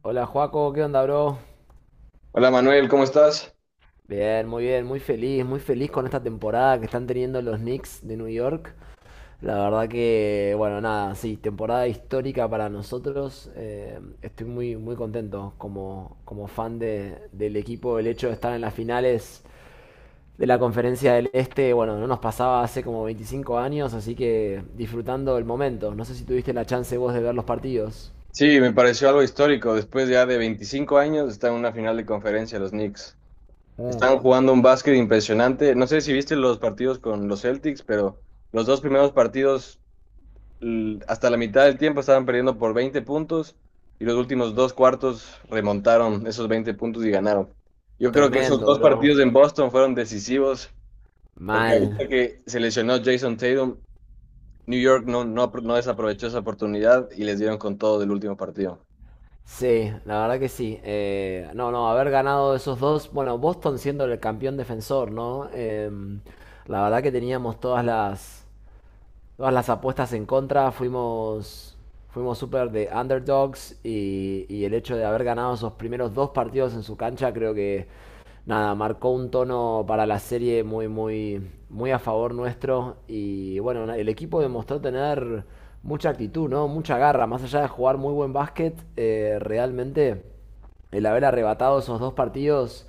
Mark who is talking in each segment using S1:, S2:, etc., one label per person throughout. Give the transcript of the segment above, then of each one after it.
S1: Hola Joaco, ¿qué onda, bro?
S2: Hola Manuel, ¿cómo estás?
S1: Bien, muy feliz con esta temporada que están teniendo los Knicks de New York. La verdad que, bueno, nada, sí, temporada histórica para nosotros. Estoy muy, muy contento como, como fan del equipo. El hecho de estar en las finales de la Conferencia del Este, bueno, no nos pasaba hace como 25 años, así que disfrutando el momento. No sé si tuviste la chance vos de ver los partidos.
S2: Sí, me pareció algo histórico. Después ya de 25 años están en una final de conferencia los Knicks.
S1: Mm.
S2: Están jugando un básquet impresionante. No sé si viste los partidos con los Celtics, pero los dos primeros partidos hasta la mitad del tiempo estaban perdiendo por 20 puntos y los últimos dos cuartos remontaron esos 20 puntos y ganaron. Yo creo que esos
S1: Tremendo,
S2: dos
S1: bro.
S2: partidos en Boston fueron decisivos porque
S1: Mal.
S2: ahorita que se lesionó Jason Tatum, New York no desaprovechó esa oportunidad y les dieron con todo del último partido.
S1: Sí, la verdad que sí. No, no, haber ganado esos dos, bueno, Boston siendo el campeón defensor, ¿no? La verdad que teníamos todas las apuestas en contra, fuimos súper de underdogs, y el hecho de haber ganado esos primeros dos partidos en su cancha creo que, nada, marcó un tono para la serie muy, muy, muy a favor nuestro. Y bueno, el equipo demostró tener mucha actitud, ¿no? Mucha garra. Más allá de jugar muy buen básquet, realmente el haber arrebatado esos dos partidos,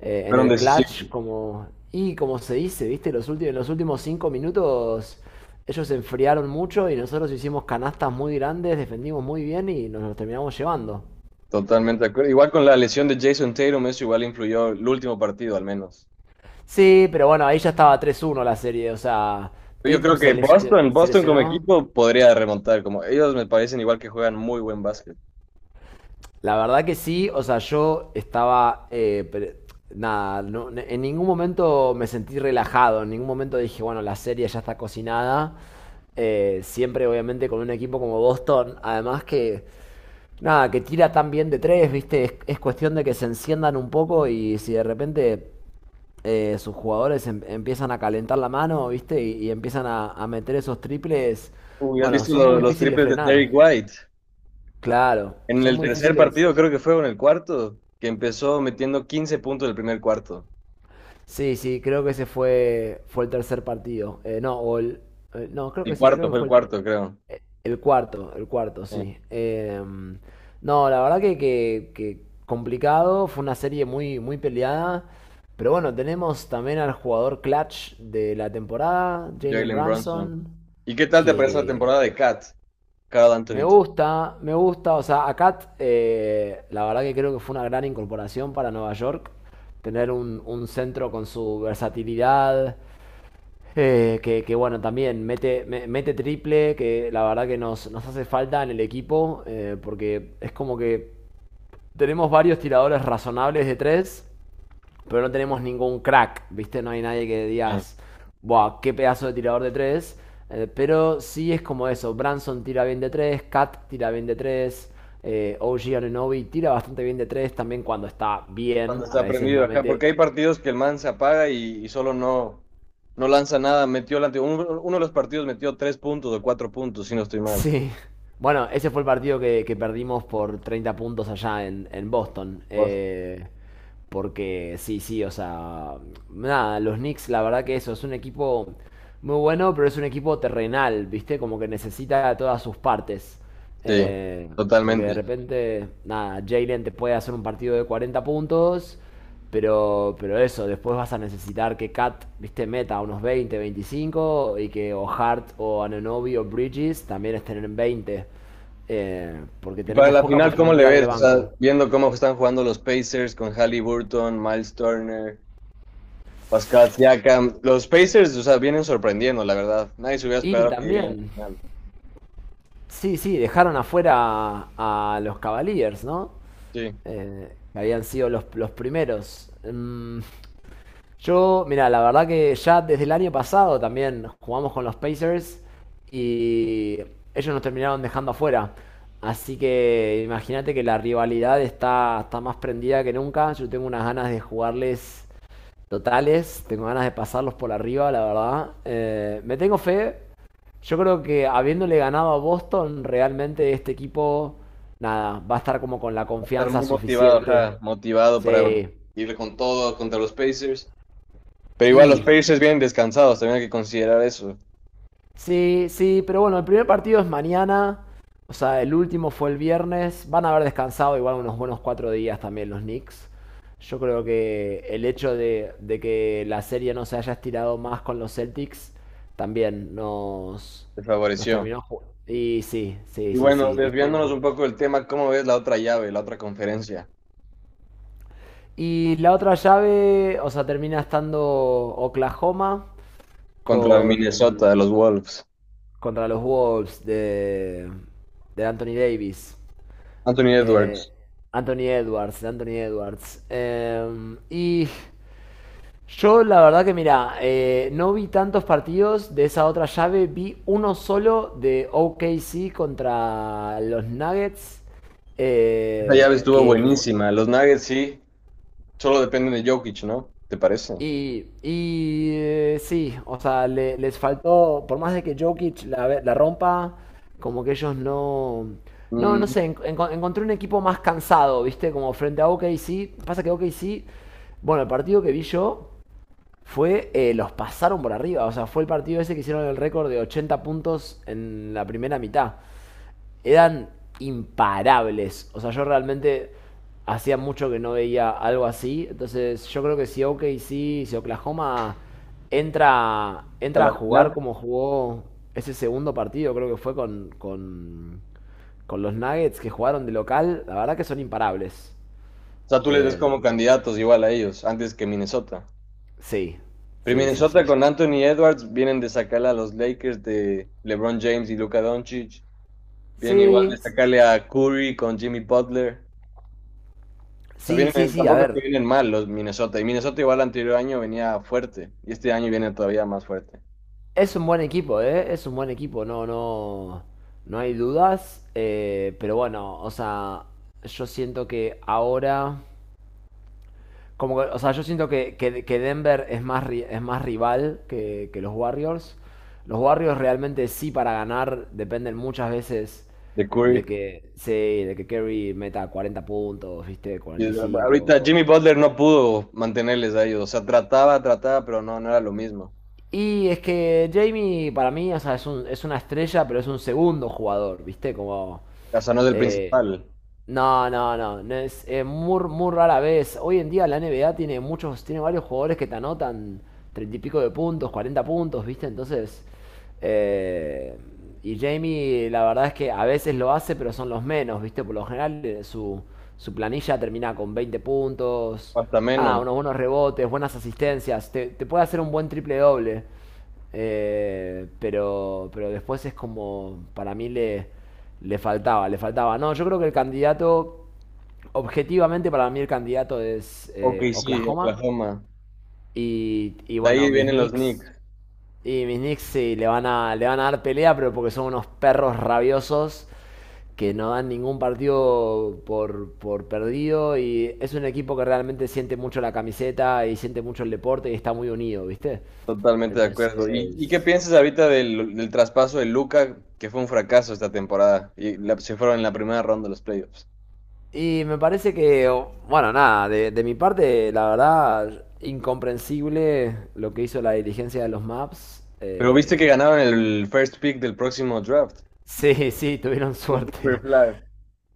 S1: en
S2: Fueron
S1: el clutch,
S2: decisivos.
S1: como, y como se dice, ¿viste? En los últimos 5 minutos ellos se enfriaron mucho y nosotros hicimos canastas muy grandes, defendimos muy bien y nos los terminamos llevando.
S2: Totalmente de acuerdo. Igual con la lesión de Jason Tatum, eso igual influyó el último partido al menos.
S1: Sí, pero bueno, ahí ya estaba 3-1 la serie, o sea,
S2: Yo
S1: Tatum
S2: creo que Boston,
S1: se
S2: Boston como
S1: lesionó.
S2: equipo podría remontar, como ellos me parecen igual que juegan muy buen básquet.
S1: La verdad que sí, o sea, yo estaba, nada, en ningún momento me sentí relajado, en ningún momento dije, bueno, la serie ya está cocinada. Siempre obviamente con un equipo como Boston, además que, nada, que tira tan bien de tres, viste, es cuestión de que se enciendan un poco, y si de repente, sus jugadores empiezan a calentar la mano, viste, y empiezan a meter esos triples,
S2: Uy, ¿has
S1: bueno,
S2: visto
S1: son muy
S2: los
S1: difíciles de
S2: triples de
S1: frenar,
S2: Derrick White?
S1: claro,
S2: En
S1: son
S2: el
S1: muy
S2: tercer
S1: difíciles.
S2: partido, creo que fue, o en el cuarto, que empezó metiendo 15 puntos del primer cuarto.
S1: Sí, sí, creo que fue el tercer partido. No, o el, no, creo
S2: El
S1: que sí,
S2: cuarto,
S1: creo
S2: fue
S1: que
S2: el
S1: fue
S2: cuarto, creo.
S1: el cuarto, sí.
S2: Sí.
S1: No, la verdad que, que complicado, fue una serie muy, muy peleada. Pero bueno, tenemos también al jugador clutch de la temporada, Jalen
S2: Jalen Brunson.
S1: Brunson,
S2: ¿Y qué tal te parece la
S1: que
S2: temporada de Cat? Carl
S1: me
S2: Anthony.
S1: gusta, me gusta. O sea, a Cat, la verdad que creo que fue una gran incorporación para Nueva York. Tener un centro con su versatilidad, bueno, también mete, mete triple, que la verdad que nos hace falta en el equipo, porque es como que tenemos varios tiradores razonables de tres, pero no tenemos ningún crack, ¿viste? No hay nadie que
S2: Sí.
S1: digas, ¡buah, qué pedazo de tirador de tres! Pero sí es como eso, Branson tira bien de tres, Cat tira bien de tres, OG Ananobi tira bastante bien de tres también cuando está
S2: Cuando
S1: bien, a
S2: está
S1: veces
S2: prendido,
S1: no
S2: ajá, porque
S1: mete.
S2: hay partidos que el man se apaga y, solo no, no lanza nada. Metió el uno de los partidos metió tres puntos o cuatro puntos, si no estoy mal.
S1: Sí. Bueno, ese fue el partido que, perdimos por 30 puntos allá en Boston.
S2: Pues,
S1: Porque sí, sí, o sea, nada, los Knicks, la verdad que eso, es un equipo muy bueno, pero es un equipo terrenal, ¿viste? Como que necesita todas sus partes.
S2: sí,
S1: Eh, porque de
S2: totalmente.
S1: repente, nada, Jalen te puede hacer un partido de 40 puntos, pero eso, después vas a necesitar que Cat, viste, meta unos 20, 25 y que o Hart o Ananobi o Bridges también estén en 20, porque
S2: Y para
S1: tenemos
S2: la
S1: poca
S2: final, ¿cómo le
S1: profundidad en el
S2: ves? O sea,
S1: banco.
S2: viendo cómo están jugando los Pacers con Halliburton, Miles Turner, Pascal Siakam. Los Pacers, o sea, vienen sorprendiendo, la verdad. Nadie se hubiera
S1: Y
S2: esperado que lleguen a la
S1: también,
S2: final.
S1: sí, sí, dejaron afuera a los Cavaliers, ¿no?
S2: Sí, va
S1: Que habían sido los primeros. Mm. Yo, mira, la verdad que ya desde el año pasado también jugamos con los Pacers y ellos nos terminaron dejando afuera. Así que imagínate que la rivalidad está más prendida que nunca. Yo tengo unas ganas de jugarles totales, tengo ganas de pasarlos por arriba, la verdad. Me tengo fe. Yo creo que habiéndole ganado a Boston, realmente este equipo, nada, va a estar como con la
S2: a estar
S1: confianza
S2: muy motivado,
S1: suficiente.
S2: ajá, motivado para
S1: Sí.
S2: ir con todo contra los Pacers. Pero igual los
S1: Y
S2: Pacers vienen descansados, también hay que considerar eso.
S1: Sí, sí, pero bueno, el primer partido es mañana. O sea, el último fue el viernes. Van a haber descansado igual unos buenos 4 días también los Knicks. Yo creo que el hecho de que la serie no se haya estirado más con los Celtics también
S2: Les
S1: nos
S2: favoreció.
S1: terminó. Y sí, sí,
S2: Y
S1: sí,
S2: bueno,
S1: sí, estuvo.
S2: desviándonos un poco del tema, ¿cómo ves la otra llave, la otra conferencia
S1: Y la otra llave, o sea, termina estando Oklahoma
S2: contra
S1: con,
S2: Minnesota, los Wolves?
S1: contra los Wolves de Anthony Davis.
S2: Anthony
S1: Eh,
S2: Edwards.
S1: Anthony Edwards, Anthony Edwards. Y yo la verdad que mira, no vi tantos partidos de esa otra llave, vi uno solo de OKC contra los Nuggets,
S2: Esa llave
S1: eh,
S2: estuvo
S1: que fu-
S2: buenísima. Los Nuggets sí, solo dependen de Jokic, ¿no? ¿Te parece?
S1: y, sí, o sea, les faltó, por más de que Jokic la rompa, como que ellos no... No, no
S2: Mm,
S1: sé, encontré un equipo más cansado, ¿viste? Como frente a OKC. Pasa que OKC, bueno, el partido que vi yo fue, los pasaron por arriba, o sea, fue el partido ese que hicieron el récord de 80 puntos en la primera mitad, eran imparables. O sea, yo realmente hacía mucho que no veía algo así. Entonces, yo creo que si Oklahoma
S2: a
S1: entra a
S2: la final.
S1: jugar
S2: O
S1: como jugó ese segundo partido, creo que fue con los Nuggets que jugaron de local, la verdad que son imparables.
S2: sea, ¿tú les ves
S1: Eh,
S2: como candidatos igual a ellos, antes que Minnesota?
S1: sí,
S2: Pero
S1: sí, sí,
S2: Minnesota
S1: sí.
S2: con Anthony Edwards vienen de sacarle a los Lakers de LeBron James y Luka Doncic. Vienen igual de
S1: Sí,
S2: sacarle a Curry con Jimmy Butler. Sea,
S1: sí, sí,
S2: vienen,
S1: sí. A
S2: tampoco es que
S1: ver,
S2: vienen mal los Minnesota. Y Minnesota igual el anterior año venía fuerte. Y este año viene todavía más fuerte.
S1: es un buen equipo, ¿eh? Es un buen equipo, no, no, no hay dudas. Pero bueno, o sea, yo siento que ahora, como que, o sea, yo siento que, que Denver es más rival que los Warriors. Los Warriors realmente sí para ganar dependen muchas veces
S2: De Curry.
S1: sí, de que Curry meta 40 puntos, viste,
S2: Y
S1: cuarenta y cinco.
S2: ahorita Jimmy Butler no pudo mantenerles a ellos. O sea, trataba, pero no, no era lo mismo.
S1: Y es que Jamie, para mí, o sea, es una estrella, pero es un segundo jugador, ¿viste? Como.
S2: O sea, no es el
S1: eh,
S2: principal.
S1: no, no es, muy, muy rara vez. Hoy en día la NBA tiene varios jugadores que te anotan treinta y pico de puntos, 40 puntos, ¿viste? Entonces, eh, y Jamie, la verdad es que a veces lo hace, pero son los menos, ¿viste? Por lo general, su planilla termina con 20 puntos,
S2: Hasta
S1: nada,
S2: menos.
S1: unos buenos rebotes, buenas asistencias, te puede hacer un buen triple doble. Pero después es como, para mí le faltaba, le faltaba. No, yo creo que el candidato, objetivamente para mí el candidato es,
S2: Ok OKC,
S1: Oklahoma.
S2: Oklahoma.
S1: Y
S2: De
S1: bueno,
S2: ahí
S1: mis
S2: vienen los
S1: Knicks.
S2: Knicks.
S1: Y mis Knicks sí, le van a dar pelea, pero porque son unos perros rabiosos que no dan ningún partido por perdido. Y es un equipo que realmente siente mucho la camiseta y siente mucho el deporte y está muy unido, ¿viste?
S2: Totalmente de acuerdo. ¿Y, qué
S1: Entonces,
S2: piensas ahorita del traspaso de Luca, que fue un fracaso esta temporada? Y se fueron en la primera ronda de los playoffs.
S1: Y me parece que, bueno, nada, de mi parte, la verdad, incomprensible lo que hizo la diligencia de los maps.
S2: Pero viste que ganaron el first pick del próximo draft.
S1: Sí, sí, tuvieron suerte.
S2: Cooper Flag.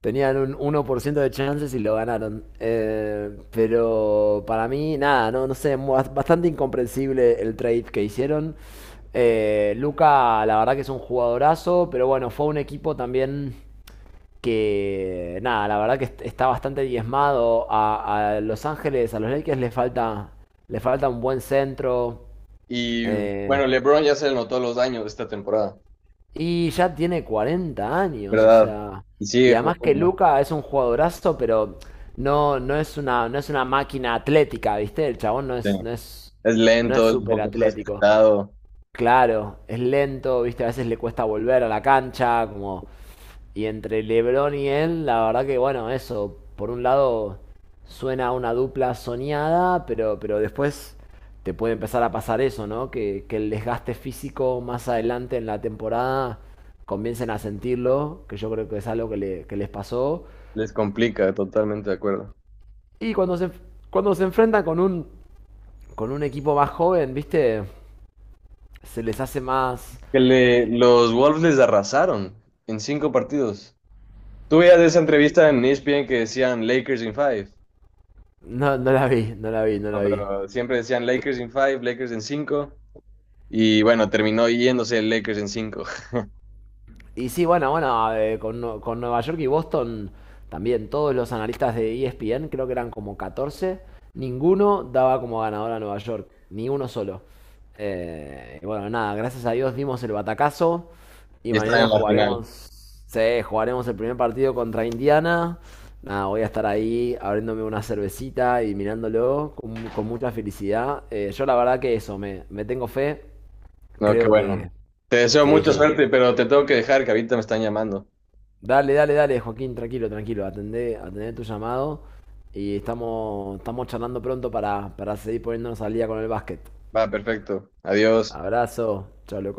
S1: Tenían un 1% de chances y lo ganaron. Pero para mí, nada, no sé, bastante incomprensible el trade que hicieron. Luca, la verdad que es un jugadorazo, pero bueno, fue un equipo también que, nada, la verdad que está bastante diezmado. A Los Ángeles, a los Lakers le falta un buen centro.
S2: Y
S1: eh,
S2: bueno, LeBron ya se le notó los años de esta temporada,
S1: y ya tiene 40 años, o
S2: ¿verdad?
S1: sea.
S2: Y
S1: Y
S2: sigue
S1: además que
S2: jugando.
S1: Luca es un jugadorazo, pero no, no es una máquina atlética, ¿viste? El chabón
S2: Sí. Es
S1: no es
S2: lento, es un
S1: súper
S2: poco
S1: atlético.
S2: respetado,
S1: Claro, es lento, ¿viste? A veces le cuesta volver a la cancha, como... Y entre LeBron y él, la verdad que bueno, eso, por un lado suena una dupla soñada, pero después te puede empezar a pasar eso, ¿no? Que el desgaste físico más adelante en la temporada comiencen a sentirlo, que yo creo que es algo que, que les pasó.
S2: les complica, totalmente de acuerdo.
S1: Y cuando se enfrentan con un equipo más joven, ¿viste? Se les hace más...
S2: Que le, los Wolves les arrasaron en cinco partidos. ¿Tú veías esa entrevista en ESPN que decían Lakers in five?
S1: No, no la vi, no la vi, no
S2: No,
S1: la vi.
S2: pero siempre decían Lakers in five, Lakers en cinco, y bueno, terminó yéndose el Lakers en cinco.
S1: Y sí, bueno, bueno, con Nueva York y Boston también, todos los analistas de ESPN, creo que eran como 14, ninguno daba como ganador a Nueva York, ni uno solo. Y bueno, nada, gracias a Dios dimos el batacazo y
S2: Y están
S1: mañana
S2: en la final.
S1: jugaremos, sí, jugaremos el primer partido contra Indiana. Nada, voy a estar ahí abriéndome una cervecita y mirándolo con mucha felicidad. Yo la verdad que eso, me tengo fe,
S2: No, qué
S1: creo
S2: bueno.
S1: que...
S2: Te deseo
S1: Sí,
S2: mucha
S1: sí.
S2: suerte, pero te tengo que dejar, que ahorita me están llamando.
S1: Dale, dale, dale, Joaquín, tranquilo, tranquilo. Atendé, atendé tu llamado y estamos charlando pronto para seguir poniéndonos al día con el básquet.
S2: Va, perfecto. Adiós.
S1: Abrazo, chao,